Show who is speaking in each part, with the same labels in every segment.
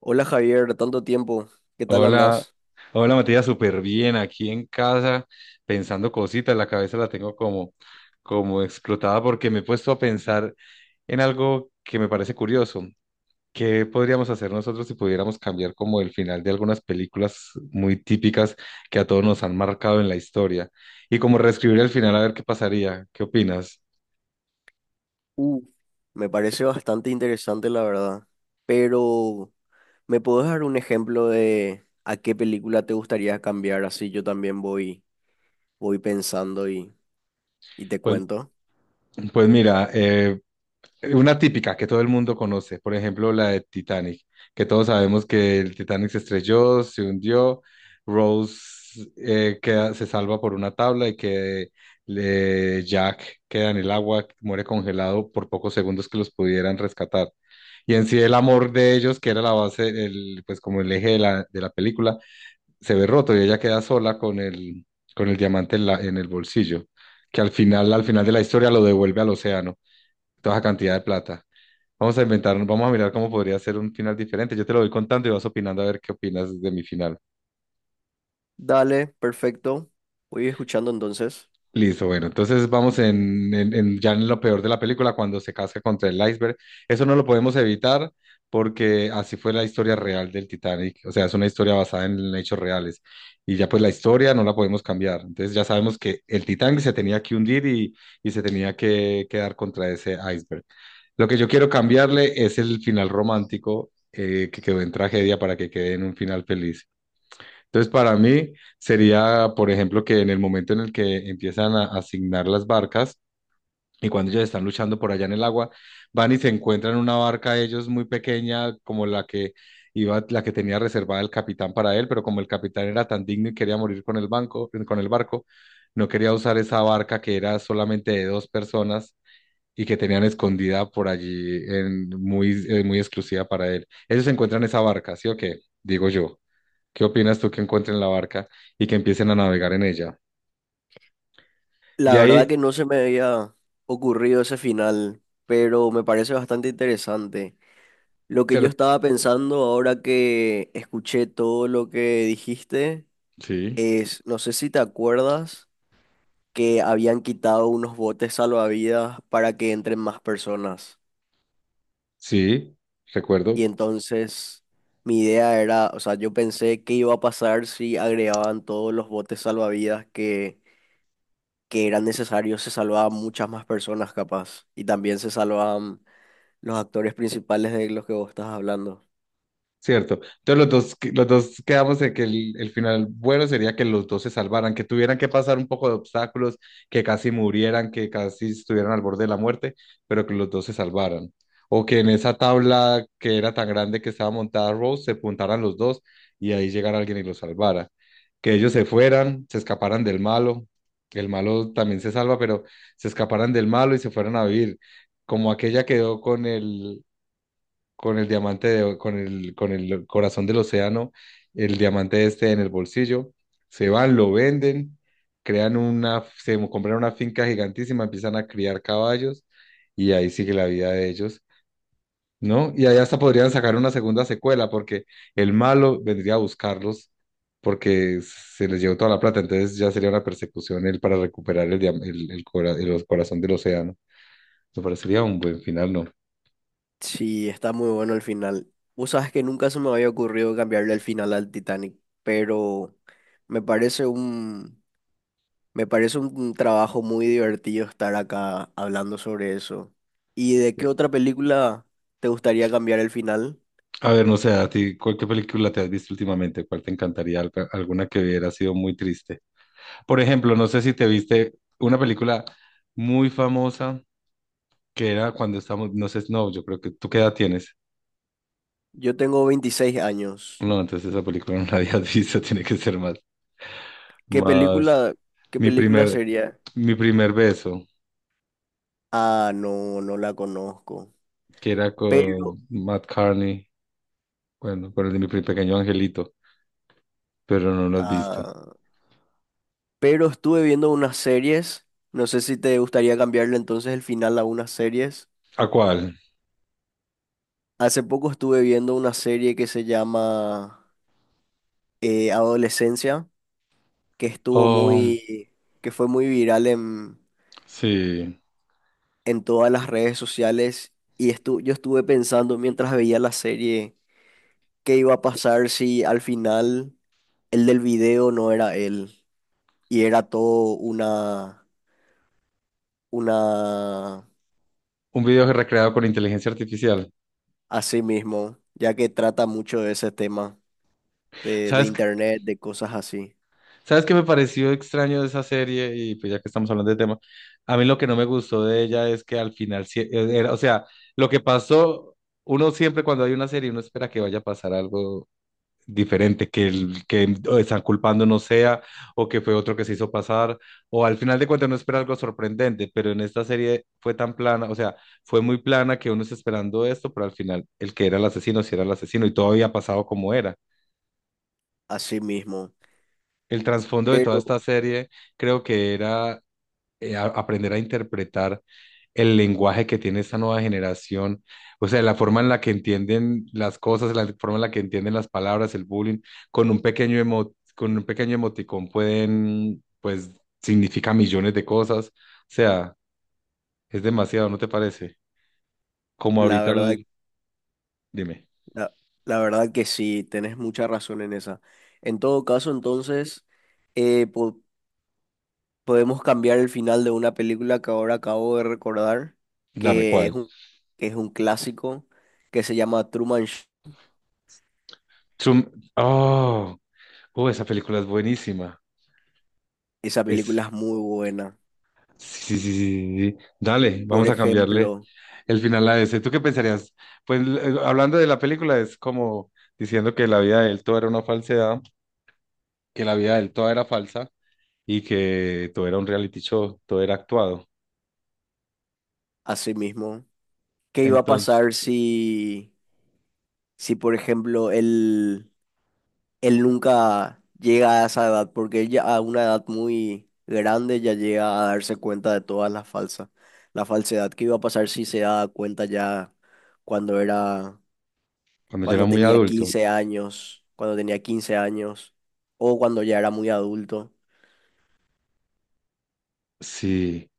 Speaker 1: Hola Javier, tanto tiempo, ¿qué tal
Speaker 2: Hola,
Speaker 1: andás?
Speaker 2: hola Matías, súper bien aquí en casa pensando cositas, la cabeza la tengo como, como explotada porque me he puesto a pensar en algo que me parece curioso. ¿Qué podríamos hacer nosotros si pudiéramos cambiar como el final de algunas películas muy típicas que a todos nos han marcado en la historia? Y como reescribir el final a ver qué pasaría, ¿qué opinas?
Speaker 1: Uh, Me parece bastante interesante la verdad, pero ¿me podés dar un ejemplo de a qué película te gustaría cambiar? Así yo también voy pensando y te
Speaker 2: Pues,
Speaker 1: cuento.
Speaker 2: pues mira, una típica que todo el mundo conoce, por ejemplo, la de Titanic, que todos sabemos que el Titanic se estrelló, se hundió, Rose se salva por una tabla y que Jack queda en el agua, muere congelado por pocos segundos que los pudieran rescatar. Y en sí el amor de ellos, que era la base, el, pues como el eje de de la película, se ve roto y ella queda sola con el diamante en el bolsillo, que al final de la historia lo devuelve al océano, toda esa cantidad de plata. Vamos a inventar, vamos a mirar cómo podría ser un final diferente. Yo te lo voy contando y vas opinando a ver qué opinas de mi final.
Speaker 1: Dale, perfecto, voy escuchando entonces.
Speaker 2: Listo, bueno, entonces vamos ya en lo peor de la película, cuando se casca contra el iceberg. Eso no lo podemos evitar porque así fue la historia real del Titanic. O sea, es una historia basada en hechos reales. Y ya pues la historia no la podemos cambiar. Entonces ya sabemos que el Titanic se tenía que hundir y se tenía que quedar contra ese iceberg. Lo que yo quiero cambiarle es el final romántico que quedó en tragedia para que quede en un final feliz. Entonces, para mí sería, por ejemplo, que en el momento en el que empiezan a asignar las barcas y cuando ellos están luchando por allá en el agua, van y se encuentran una barca ellos muy pequeña como la que iba, la que tenía reservada el capitán para él, pero como el capitán era tan digno y quería morir con el banco, con el barco, no quería usar esa barca que era solamente de dos personas y que tenían escondida por allí en, muy, muy exclusiva para él. Ellos encuentran esa barca, ¿sí o qué? Digo yo. ¿Qué opinas tú que encuentren la barca y que empiecen a navegar en ella? De
Speaker 1: La verdad
Speaker 2: ahí,
Speaker 1: que no se me había ocurrido ese final, pero me parece bastante interesante. Lo que
Speaker 2: se
Speaker 1: yo
Speaker 2: re-
Speaker 1: estaba pensando ahora que escuché todo lo que dijiste
Speaker 2: sí,
Speaker 1: es, no sé si te acuerdas que habían quitado unos botes salvavidas para que entren más personas.
Speaker 2: sí,
Speaker 1: Y
Speaker 2: recuerdo.
Speaker 1: entonces mi idea era, o sea, yo pensé qué iba a pasar si agregaban todos los botes salvavidas que eran necesarios, se salvaban muchas más personas capaz. Y también se salvaban los actores principales de los que vos estás hablando.
Speaker 2: Cierto. Entonces los dos quedamos en que el final bueno sería que los dos se salvaran, que tuvieran que pasar un poco de obstáculos, que casi murieran, que casi estuvieran al borde de la muerte, pero que los dos se salvaran. O que en esa tabla que era tan grande que estaba montada Rose, se puntaran los dos y ahí llegara alguien y los salvara. Que ellos se fueran, se escaparan del malo, que el malo también se salva, pero se escaparan del malo y se fueran a vivir. Como aquella quedó con el diamante con el corazón del océano, el diamante este en el bolsillo, se van, lo venden, crean una, compran una finca gigantísima, empiezan a criar caballos y ahí sigue la vida de ellos, ¿no? Y ahí hasta podrían sacar una segunda secuela porque el malo vendría a buscarlos porque se les llevó toda la plata, entonces ya sería una persecución él para recuperar el, el, el corazón del océano. Me parecería un buen final, ¿no?
Speaker 1: Sí, está muy bueno el final. Vos sabes que nunca se me había ocurrido cambiarle el final al Titanic, pero me parece me parece un trabajo muy divertido estar acá hablando sobre eso. ¿Y de qué otra película te gustaría cambiar el final?
Speaker 2: A ver, no sé, a ti, ¿cuál ¿qué película te has visto últimamente? ¿Cuál te encantaría? Alguna que hubiera sido muy triste. Por ejemplo, no sé si te viste una película muy famosa que era cuando estamos, no sé, no, yo creo que tú qué edad tienes.
Speaker 1: Yo tengo 26 años.
Speaker 2: No, entonces esa película no la habías visto, tiene que ser más,
Speaker 1: ¿Qué
Speaker 2: más.
Speaker 1: qué
Speaker 2: Mi
Speaker 1: película
Speaker 2: primer,
Speaker 1: sería?
Speaker 2: mi primer beso,
Speaker 1: Ah, no, no la conozco.
Speaker 2: que era
Speaker 1: Pero,
Speaker 2: con Matt Carney, bueno, con el de mi pequeño angelito, pero no lo has visto.
Speaker 1: ah, pero estuve viendo unas series. No sé si te gustaría cambiarle entonces el final a unas series.
Speaker 2: ¿A cuál?
Speaker 1: Hace poco estuve viendo una serie que se llama Adolescencia. Que estuvo
Speaker 2: Oh,
Speaker 1: que fue muy viral
Speaker 2: sí,
Speaker 1: en todas las redes sociales y yo estuve pensando mientras veía la serie qué iba a pasar si al final el del video no era él y era todo una
Speaker 2: un video recreado con inteligencia artificial.
Speaker 1: así mismo, ya que trata mucho de ese tema de
Speaker 2: ¿Sabes
Speaker 1: internet, de cosas así,
Speaker 2: ¿sabes qué me pareció extraño de esa serie? Y pues ya que estamos hablando de tema, a mí lo que no me gustó de ella es que al final, era, o sea, lo que pasó, uno siempre cuando hay una serie, uno espera que vaya a pasar algo diferente, que el que están culpando no sea, o que fue otro que se hizo pasar, o al final de cuentas uno espera algo sorprendente, pero en esta serie fue tan plana, o sea, fue muy plana que uno está esperando esto, pero al final el que era el asesino, sí era el asesino, y todo había pasado como era.
Speaker 1: así mismo.
Speaker 2: El trasfondo de toda esta
Speaker 1: Pero
Speaker 2: serie creo que era aprender a interpretar el lenguaje que tiene esta nueva generación, o sea, la forma en la que entienden las cosas, la forma en la que entienden las palabras, el bullying, con un pequeño con un pequeño emoticón pueden, pues, significa millones de cosas, o sea, es demasiado, ¿no te parece? Como
Speaker 1: la
Speaker 2: ahorita,
Speaker 1: verdad,
Speaker 2: dime,
Speaker 1: La, la verdad que sí, tenés mucha razón en esa. En todo caso, entonces, eh, po- podemos cambiar el final de una película que ahora acabo de recordar,
Speaker 2: dame
Speaker 1: que es
Speaker 2: cuál.
Speaker 1: que es un clásico, que se llama Truman Show.
Speaker 2: Zoom- oh, oh, esa película es buenísima.
Speaker 1: Esa
Speaker 2: Es,
Speaker 1: película es muy buena.
Speaker 2: sí, sí, sí, sí, sí, sí. Dale,
Speaker 1: Por
Speaker 2: vamos a cambiarle.
Speaker 1: ejemplo,
Speaker 2: El final la ese. ¿Tú qué pensarías? Pues hablando de la película, es como diciendo que la vida de él todo era una falsedad, que la vida de él toda era falsa y que todo era un reality show, todo era actuado.
Speaker 1: así mismo, ¿qué iba a
Speaker 2: Entonces,
Speaker 1: pasar si por ejemplo, él nunca llega a esa edad, porque ella a una edad muy grande ya llega a darse cuenta de todas las falsas, la falsedad que iba a pasar si se daba cuenta ya cuando era,
Speaker 2: cuando yo era muy adulto,
Speaker 1: cuando tenía 15 años, o cuando ya era muy adulto,
Speaker 2: sí,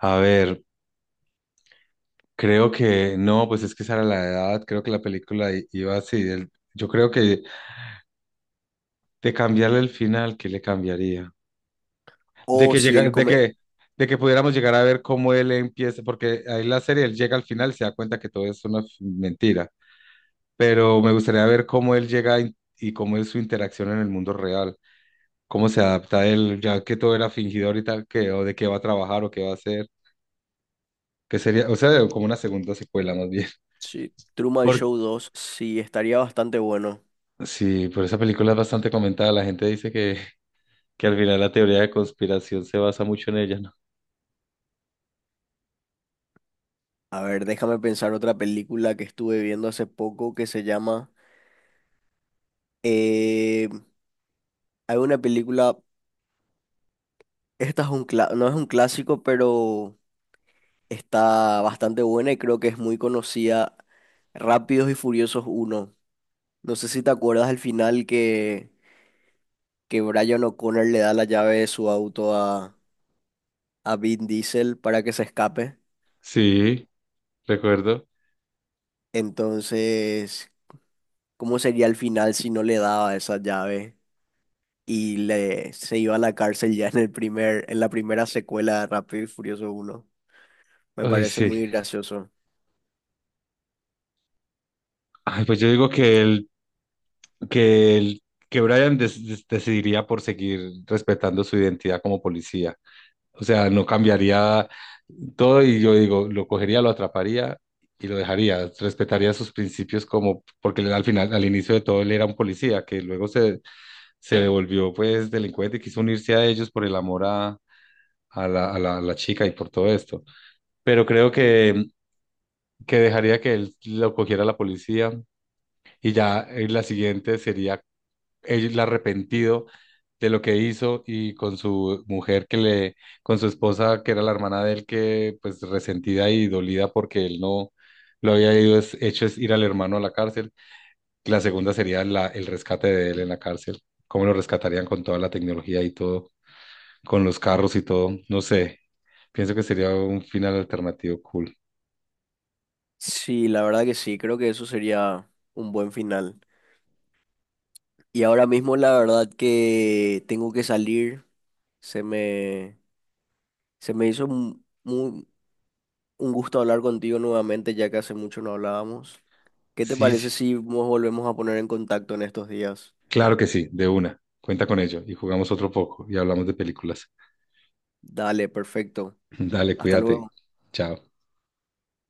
Speaker 2: a ver, creo que no, pues es que esa era la edad, creo que la película iba así. Yo creo que de cambiarle el final, ¿qué le cambiaría? de
Speaker 1: o
Speaker 2: que
Speaker 1: si
Speaker 2: llega,
Speaker 1: él
Speaker 2: de
Speaker 1: come,
Speaker 2: que, de que pudiéramos llegar a ver cómo él empieza, porque ahí la serie él llega al final y se da cuenta que todo es una mentira, pero me gustaría ver cómo él llega y cómo es su interacción en el mundo real, cómo se adapta él, ya que todo era fingidor y tal, que, o de qué va a trabajar o qué va a hacer, que sería, o sea, como una segunda secuela más bien.
Speaker 1: sí, Truman
Speaker 2: Por,
Speaker 1: Show 2 sí, estaría bastante bueno.
Speaker 2: sí, por esa película es bastante comentada, la gente dice que al final la teoría de conspiración se basa mucho en ella, ¿no?
Speaker 1: A ver, déjame pensar otra película que estuve viendo hace poco que se llama... eh, hay una película. Esta es un cla- No es un clásico, pero está bastante buena y creo que es muy conocida. Rápidos y Furiosos uno. No sé si te acuerdas al final que Brian O'Connor le da la llave de su auto a Vin Diesel para que se escape.
Speaker 2: Sí, recuerdo.
Speaker 1: Entonces, ¿cómo sería el final si no le daba esa llave y se iba a la cárcel ya en el en la primera secuela de Rápido y Furioso uno? Me
Speaker 2: Ay,
Speaker 1: parece
Speaker 2: sí.
Speaker 1: muy gracioso.
Speaker 2: Ay, pues yo digo que el que, el- que Brian decidiría por seguir respetando su identidad como policía. O sea, no cambiaría todo y yo digo, lo cogería, lo atraparía y lo dejaría. Respetaría sus principios como, porque él al final, al inicio de todo, él era un policía que luego se devolvió pues delincuente y quiso unirse a ellos por el amor a la chica y por todo esto. Pero creo que dejaría que él lo cogiera la policía. Y ya la siguiente sería él arrepentido de lo que hizo y con su mujer con su esposa que era la hermana de él que pues resentida y dolida porque él no lo había ido, hecho es ir al hermano a la cárcel. La segunda sería el rescate de él en la cárcel, cómo lo rescatarían con toda la tecnología y todo, con los carros y todo, no sé, pienso que sería un final alternativo cool.
Speaker 1: Sí, la verdad que sí, creo que eso sería un buen final. Y ahora mismo la verdad que tengo que salir. Se me, se me hizo un gusto hablar contigo nuevamente, ya que hace mucho no hablábamos. ¿Qué te
Speaker 2: Sí,
Speaker 1: parece
Speaker 2: sí,
Speaker 1: si nos volvemos a poner en contacto en estos días?
Speaker 2: claro que sí, de una, cuenta con ello y jugamos otro poco y hablamos de películas.
Speaker 1: Dale, perfecto.
Speaker 2: Dale,
Speaker 1: Hasta
Speaker 2: cuídate,
Speaker 1: luego.
Speaker 2: chao.